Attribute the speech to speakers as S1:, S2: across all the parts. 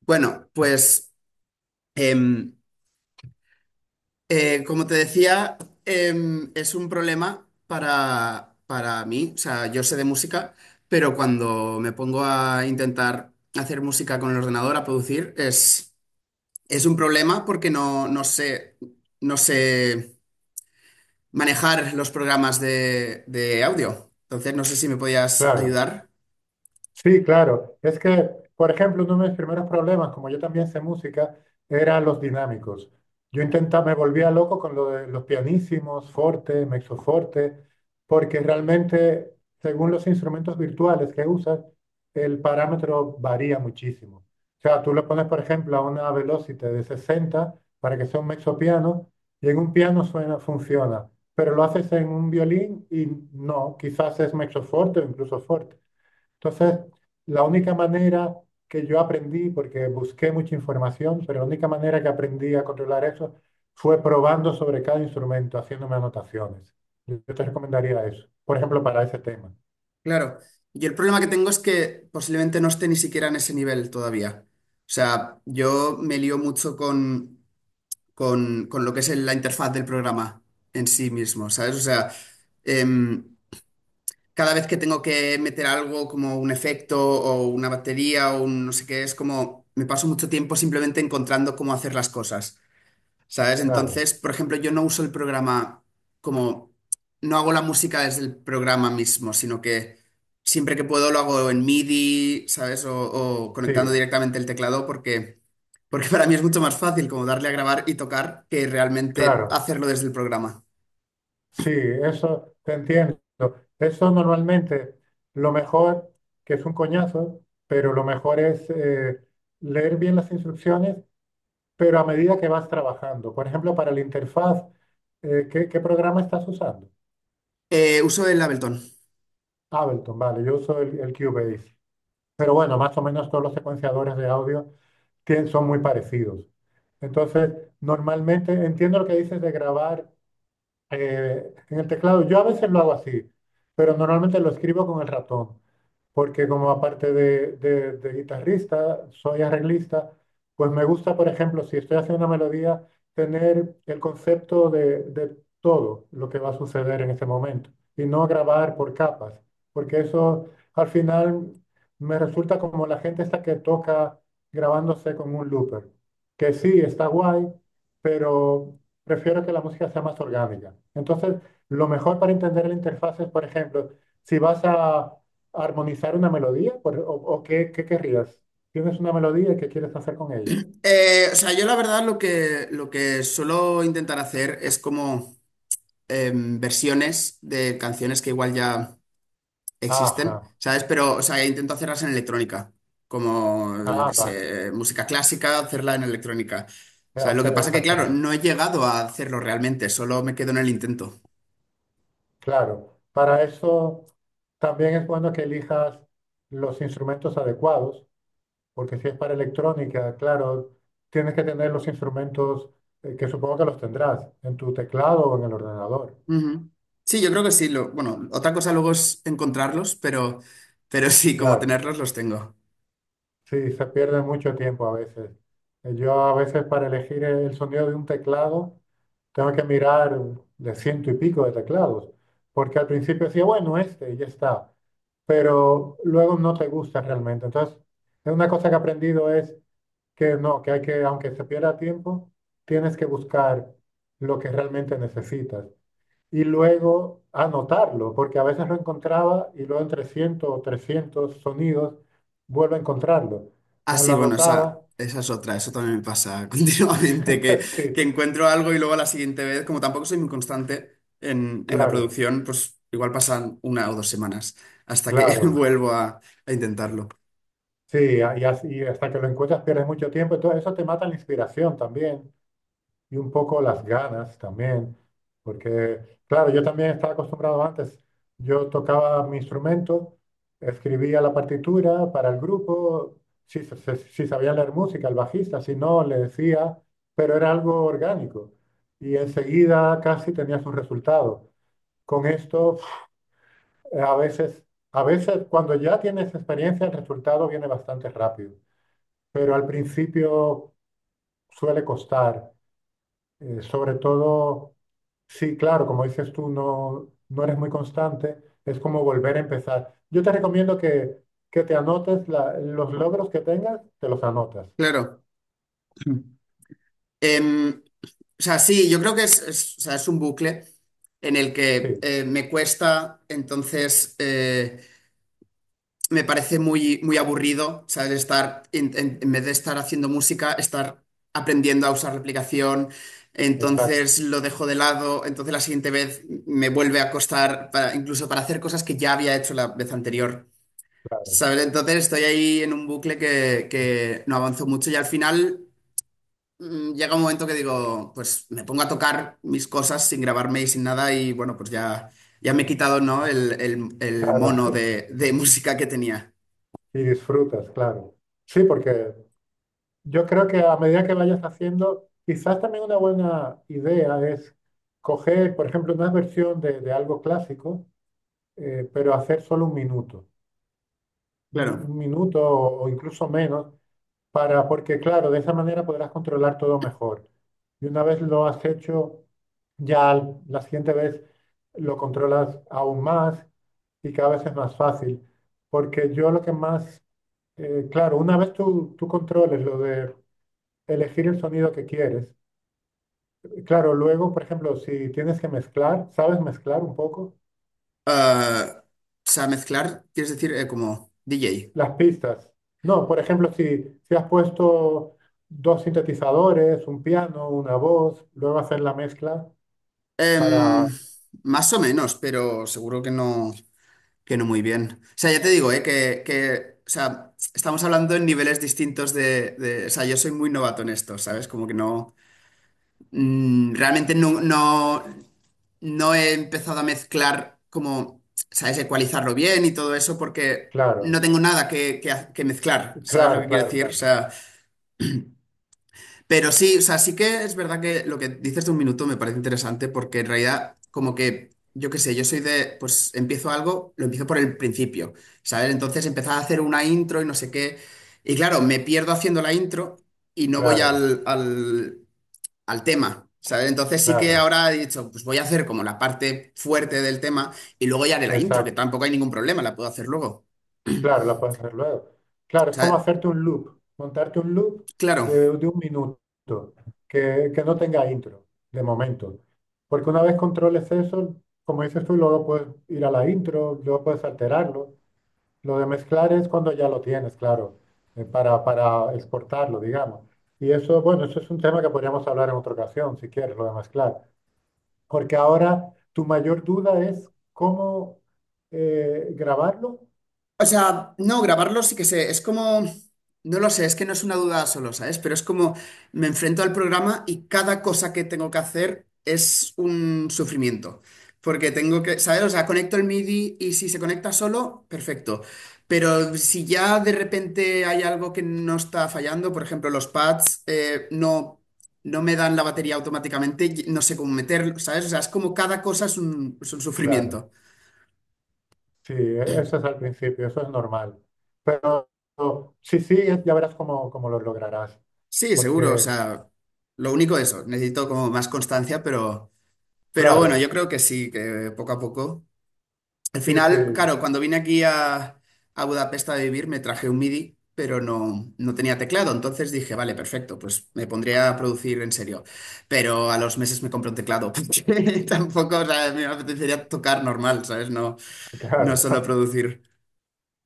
S1: Bueno, pues em, como te decía, es un problema para mí. O sea, yo sé de música, pero cuando me pongo a intentar hacer música con el ordenador, a producir, es un problema porque no sé manejar los programas de audio. Entonces, no sé si me podías
S2: Claro,
S1: ayudar.
S2: sí, claro. Es que, por ejemplo, uno de mis primeros problemas, como yo también sé música, eran los dinámicos. Yo intentaba, me volvía loco con lo de los pianísimos, forte, mezzoforte, porque realmente, según los instrumentos virtuales que usas, el parámetro varía muchísimo. O sea, tú le pones, por ejemplo, a una velocidad de 60 para que sea un mezzopiano, y en un piano suena, funciona, pero lo haces en un violín y no, quizás es mezzoforte o incluso forte. Entonces, la única manera que yo aprendí, porque busqué mucha información, pero la única manera que aprendí a controlar eso fue probando sobre cada instrumento, haciéndome anotaciones. Yo te recomendaría eso, por ejemplo, para ese tema.
S1: Claro. Yo el problema que tengo es que posiblemente no esté ni siquiera en ese nivel todavía. O sea, yo me lío mucho con lo que es la interfaz del programa en sí mismo, ¿sabes? O sea, em, cada vez que tengo que meter algo como un efecto o una batería o un no sé qué, es como me paso mucho tiempo simplemente encontrando cómo hacer las cosas. ¿Sabes?
S2: Claro,
S1: Entonces, por ejemplo, yo no uso el programa como, no hago la música desde el programa mismo, sino que siempre que puedo lo hago en MIDI, ¿sabes? O conectando
S2: sí,
S1: directamente el teclado porque para mí es mucho más fácil como darle a grabar y tocar que realmente
S2: claro,
S1: hacerlo desde el programa.
S2: sí, eso te entiendo. Eso normalmente, lo mejor, que es un coñazo, pero lo mejor es leer bien las instrucciones, pero a medida que vas trabajando. Por ejemplo, para la interfaz, ¿qué programa estás usando?
S1: Uso el Ableton.
S2: Ableton, vale, yo uso el Cubase. Pero bueno, más o menos todos los secuenciadores de audio son muy parecidos. Entonces, normalmente entiendo lo que dices de grabar en el teclado. Yo a veces lo hago así, pero normalmente lo escribo con el ratón, porque como aparte de guitarrista, soy arreglista, pues me gusta, por ejemplo, si estoy haciendo una melodía, tener el concepto de todo lo que va a suceder en ese momento y no grabar por capas, porque eso al final me resulta como la gente esta que toca grabándose con un looper, que sí, está guay, pero prefiero que la música sea más orgánica. Entonces, lo mejor para entender la interfaz es, por ejemplo, si vas a armonizar una melodía. ¿O qué querrías? ¿Tienes una melodía y qué quieres hacer con ella?
S1: O sea, yo la verdad lo que suelo intentar hacer es como versiones de canciones que igual ya
S2: Ajá,
S1: existen, ¿sabes? Pero, o sea, intento hacerlas en electrónica, como, yo qué
S2: ah, vale.
S1: sé, música clásica, hacerla en electrónica. ¿Sabes? Lo que pasa que, claro,
S2: Exactamente.
S1: no he llegado a hacerlo realmente, solo me quedo en el intento.
S2: Claro, para eso también es bueno que elijas los instrumentos adecuados, porque si es para electrónica, claro, tienes que tener los instrumentos que supongo que los tendrás en tu teclado o en el ordenador.
S1: Ujú. Sí, yo creo que sí. Bueno, otra cosa luego es encontrarlos, pero sí, como
S2: Claro.
S1: tenerlos los tengo.
S2: Sí, se pierde mucho tiempo a veces. Yo a veces para elegir el sonido de un teclado tengo que mirar de ciento y pico de teclados, porque al principio decía, bueno, este, y ya está, pero luego no te gusta realmente. Entonces, es una cosa que he aprendido, es que no, que hay que, aunque se pierda tiempo, tienes que buscar lo que realmente necesitas y luego anotarlo, porque a veces lo encontraba y luego en 300 o 300 sonidos vuelvo a encontrarlo.
S1: Ah,
S2: Entonces
S1: sí,
S2: lo
S1: bueno,
S2: anotaba.
S1: esa es otra, eso también me pasa continuamente, que
S2: Sí,
S1: encuentro algo y luego a la siguiente vez, como tampoco soy muy constante en la
S2: claro,
S1: producción, pues igual pasan una o dos semanas hasta que
S2: claro.
S1: vuelvo a intentarlo.
S2: Sí, y hasta que lo encuentras pierdes mucho tiempo. Entonces eso te mata la inspiración también, y un poco las ganas también, porque claro, yo también estaba acostumbrado antes, yo tocaba mi instrumento, escribía la partitura para el grupo, si, si sabía leer música, el bajista, si no, le decía, pero era algo orgánico y enseguida casi tenías un resultado. Con esto, a veces, cuando ya tienes experiencia, el resultado viene bastante rápido, pero al principio suele costar. Sobre todo, sí, claro, como dices tú, no, no eres muy constante, es como volver a empezar. Yo te recomiendo que te anotes los logros que tengas, te los anotas.
S1: Claro. Em, o sea, sí, yo creo que o sea, es un bucle en el que
S2: Sí,
S1: me cuesta, entonces me parece muy, muy aburrido, ¿sabes? Estar, en vez de estar haciendo música, estar aprendiendo a usar la aplicación.
S2: exacto,
S1: Entonces lo dejo de lado. Entonces la siguiente vez me vuelve a costar, incluso para hacer cosas que ya había hecho la vez anterior.
S2: claro.
S1: ¿Sabes? Entonces estoy ahí en un bucle que no avanzo mucho y al final llega un momento que digo, pues me pongo a tocar mis cosas sin grabarme y sin nada y bueno, pues ya me he quitado, ¿no? El mono de música que tenía.
S2: Y disfrutas, claro. Sí, porque yo creo que a medida que vayas haciendo, quizás también una buena idea es coger, por ejemplo, una versión de algo clásico, pero hacer solo un minuto, un
S1: Claro.
S2: un minuto o incluso menos. Porque claro, de esa manera podrás controlar todo mejor. Y una vez lo has hecho, ya la siguiente vez lo controlas aún más y cada vez es más fácil. Porque yo lo que más, claro, una vez tú, controles lo de elegir el sonido que quieres, claro, luego, por ejemplo, si tienes que mezclar, ¿sabes mezclar un poco?
S1: Ah, o sea, mezclar, quieres decir, como DJ.
S2: Las pistas. No, por ejemplo, si has puesto dos sintetizadores, un piano, una voz, luego hacer la mezcla. Para,
S1: Em, más o menos, pero seguro que que no muy bien. O sea, ya te digo, o sea, estamos hablando en niveles distintos o sea, yo soy muy novato en esto, ¿sabes? Como que no, realmente no he empezado a mezclar como, ¿sabes? Ecualizarlo bien y todo eso porque no
S2: claro,
S1: tengo nada que mezclar, ¿sabes lo
S2: claro,
S1: que quiero
S2: claro,
S1: decir? O
S2: claro,
S1: sea, pero sí, o sea, sí que es verdad que lo que dices de un minuto me parece interesante porque en realidad como que, yo qué sé, yo soy de, pues empiezo algo, lo empiezo por el principio, ¿sabes? Entonces empezaba a hacer una intro y no sé qué. Y claro, me pierdo haciendo la intro y no voy
S2: claro,
S1: al tema, ¿sabes? Entonces sí que
S2: claro,
S1: ahora he dicho, pues voy a hacer como la parte fuerte del tema y luego ya haré la intro, que
S2: exacto,
S1: tampoco hay ningún problema, la puedo hacer luego.
S2: claro, la puedes hacer luego. Claro,
S1: O
S2: es como
S1: sea,
S2: hacerte un loop, montarte un loop
S1: claro,
S2: de un minuto, que no tenga intro, de momento. Porque una vez controles eso, como dices tú, luego puedes ir a la intro, luego puedes alterarlo. Lo de mezclar es cuando ya lo tienes, claro, para exportarlo, digamos. Y eso, bueno, eso es un tema que podríamos hablar en otra ocasión, si quieres, lo de mezclar. Porque ahora tu mayor duda es cómo grabarlo.
S1: No, grabarlo sí que sé, es como, no lo sé, es que no es una duda solo, ¿sabes? Pero es como me enfrento al programa y cada cosa que tengo que hacer es un sufrimiento. Porque tengo que, ¿sabes? O sea, conecto el MIDI y si se conecta solo, perfecto. Pero si ya de repente hay algo que no está fallando, por ejemplo, los pads no me dan la batería automáticamente, y no sé cómo meterlo, ¿sabes? O sea, es como cada cosa es es un
S2: Claro,
S1: sufrimiento.
S2: sí, eso es al principio, eso es normal. Pero sí, sí, ya verás cómo lo lograrás.
S1: Sí, seguro, o
S2: Porque,
S1: sea, lo único de eso, necesito como más constancia, pero bueno, yo
S2: claro,
S1: creo que sí, que poco a poco. Al
S2: sí, sí,
S1: final, claro, cuando vine aquí a Budapest a vivir me traje un MIDI, pero no tenía teclado, entonces dije, vale, perfecto, pues me pondría a producir en serio, pero a los meses me compré un teclado, porque tampoco, o sea, me apetecería tocar normal, ¿sabes? No, no
S2: claro,
S1: solo producir.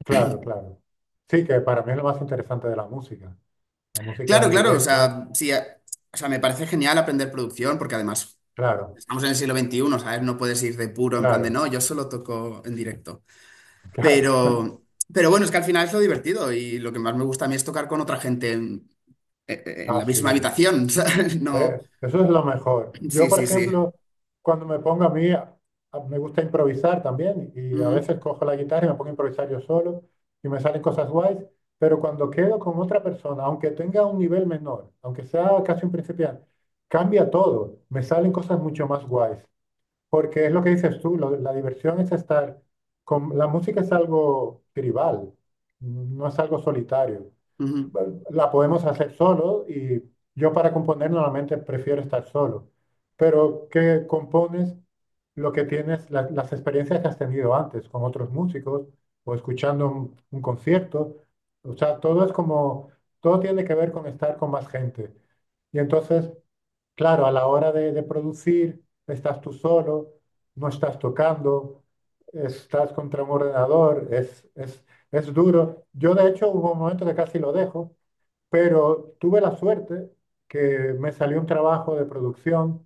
S2: claro, claro. Sí, que para mí es lo más interesante de la música. La música
S1: Claro,
S2: en
S1: claro, o
S2: directo,
S1: sea, sí, o sea, me parece genial aprender producción, porque además
S2: claro,
S1: vamos en el siglo XXI, ¿sabes? No puedes ir de puro en plan de no,
S2: claro,
S1: yo solo toco en directo.
S2: claro.
S1: Pero, pero bueno, es que al final es lo divertido y lo que más me gusta a mí es tocar con otra gente en
S2: Ah,
S1: la misma
S2: sí.
S1: habitación, ¿sabes? No,
S2: Eso es lo mejor. Yo,
S1: sí,
S2: por
S1: sí, sí.
S2: ejemplo, cuando me pongo a mí, me gusta improvisar también y a
S1: Ujú,
S2: veces cojo la guitarra y me pongo a improvisar yo solo y me salen cosas guays, pero cuando quedo con otra persona, aunque tenga un nivel menor, aunque sea casi un principiante, cambia todo, me salen cosas mucho más guays, porque es lo que dices tú, la diversión es estar con... La música es algo tribal, no es algo solitario.
S1: ujú,
S2: La podemos hacer solo y yo para componer normalmente prefiero estar solo, pero que compones lo que tienes, las experiencias que has tenido antes con otros músicos o escuchando un concierto. O sea, todo es como, todo tiene que ver con estar con más gente. Y entonces, claro, a la hora de producir, estás tú solo, no estás tocando, estás contra un ordenador, es, es duro. Yo, de hecho, hubo un momento que casi lo dejo, pero tuve la suerte que me salió un trabajo de producción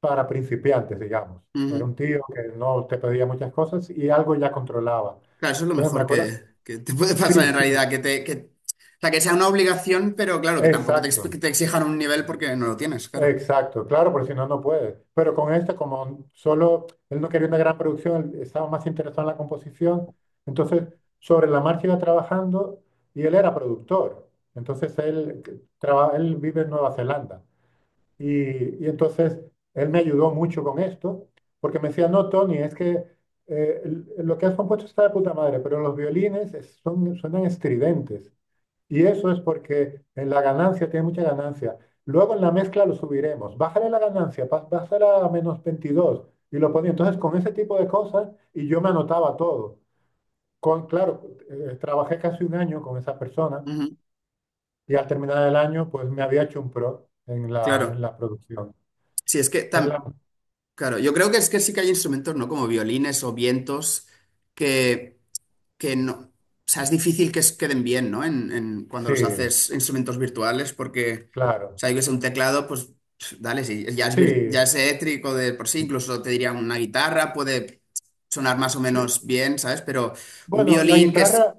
S2: para principiantes, digamos. Era
S1: ujú.
S2: un tío que no te pedía muchas cosas y algo ya controlaba.
S1: Claro, eso es lo
S2: Entonces me
S1: mejor
S2: acuerdo,
S1: que te puede pasar
S2: sí,
S1: en
S2: sí,
S1: realidad, que te, o sea, que sea una obligación, pero claro, que tampoco que
S2: exacto,
S1: te exijan un nivel porque no lo tienes, claro.
S2: exacto, claro, porque si no, no puedes. Pero con este, como solo él no quería una gran producción, él estaba más interesado en la composición, entonces sobre la marcha iba trabajando y él era productor. Entonces él, él vive en Nueva Zelanda. Y entonces él me ayudó mucho con esto, porque me decía, no, Tony, es que lo que has compuesto está de puta madre, pero los violines son, suenan estridentes. Y eso es porque en la ganancia tiene mucha ganancia. Luego en la mezcla lo subiremos. Bájale la ganancia, bájala a menos 22. Y lo ponía. Entonces con ese tipo de cosas, y yo me anotaba todo. Claro, trabajé casi un año con esa persona
S1: Ujú,
S2: y al terminar el año, pues me había hecho un pro en
S1: claro.
S2: la producción.
S1: Sí,
S2: Es la,
S1: claro, yo creo que es que sí que hay instrumentos, ¿no? Como violines o vientos que, que no. O sea, es difícil que queden bien, ¿no? Cuando los
S2: Sí,
S1: haces instrumentos virtuales, porque, o
S2: claro.
S1: sea, yo que sé, un teclado, pues, dale, sí,
S2: Sí,
S1: ya es eléctrico de por sí, incluso te diría una guitarra, puede sonar más o
S2: sí.
S1: menos bien, ¿sabes? Pero un
S2: Bueno, la
S1: violín que es.
S2: guitarra,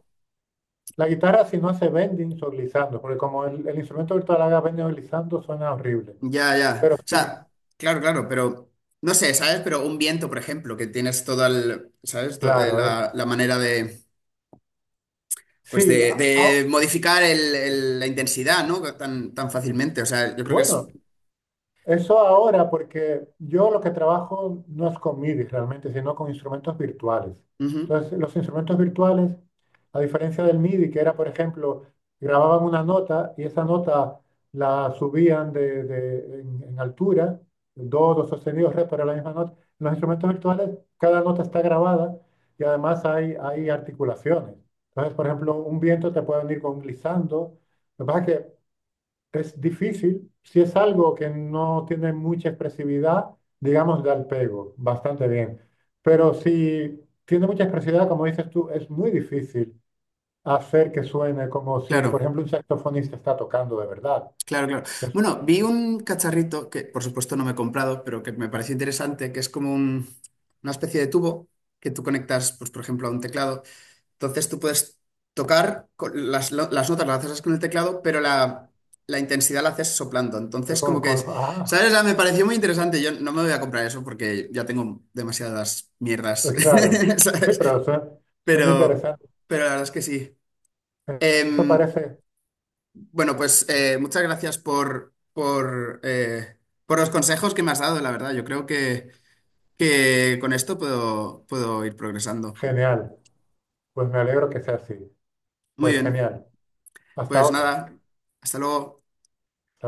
S2: si no hace bending o glissando, porque como el, instrumento virtual haga bending o glissando suena horrible.
S1: Ya, ya. O
S2: Pero sí,
S1: sea, claro, claro, pero no sé, ¿sabes? Pero un viento, por ejemplo, que tienes toda el, ¿sabes?
S2: claro, es.
S1: La manera de pues
S2: Sí,
S1: de modificar la intensidad, ¿no? Tan, tan fácilmente. O sea, yo creo que es,
S2: bueno, eso ahora, porque yo lo que trabajo no es con MIDI realmente, sino con instrumentos virtuales.
S1: ujú,
S2: Entonces, los instrumentos virtuales, a diferencia del MIDI, que era, por ejemplo, grababan una nota y esa nota la subían en, altura, do, do sostenido, re, pero la misma nota. En los instrumentos virtuales, cada nota está grabada y además hay articulaciones. Entonces, por ejemplo, un viento te puede venir con un glissando. Lo que pasa es que es difícil, si es algo que no tiene mucha expresividad, digamos, da el pego bastante bien. Pero si tiene mucha expresividad, como dices tú, es muy difícil hacer que suene como si, por
S1: claro,
S2: ejemplo, un saxofonista está tocando de verdad.
S1: claro, claro.
S2: Eso,
S1: Bueno, vi un cacharrito que por supuesto no me he comprado, pero que me pareció interesante, que es como una especie de tubo que tú conectas, pues por ejemplo, a un teclado. Entonces tú puedes tocar con las notas, las haces con el teclado, pero la intensidad la haces soplando. Entonces como que es, ¿sabes? O
S2: ah,
S1: sea, me pareció muy interesante. Yo no me voy a comprar eso porque ya tengo demasiadas mierdas,
S2: claro. Sí,
S1: ¿sabes?
S2: pero son,
S1: Pero,
S2: interesantes.
S1: pero la verdad es que sí.
S2: Eh, Eso
S1: Em,
S2: parece
S1: bueno, pues muchas gracias por los consejos que me has dado, la verdad. Yo creo que con esto puedo ir progresando.
S2: genial. Pues me alegro que sea así.
S1: Muy
S2: Pues
S1: bien,
S2: genial. Hasta
S1: pues
S2: otra.
S1: nada, hasta luego.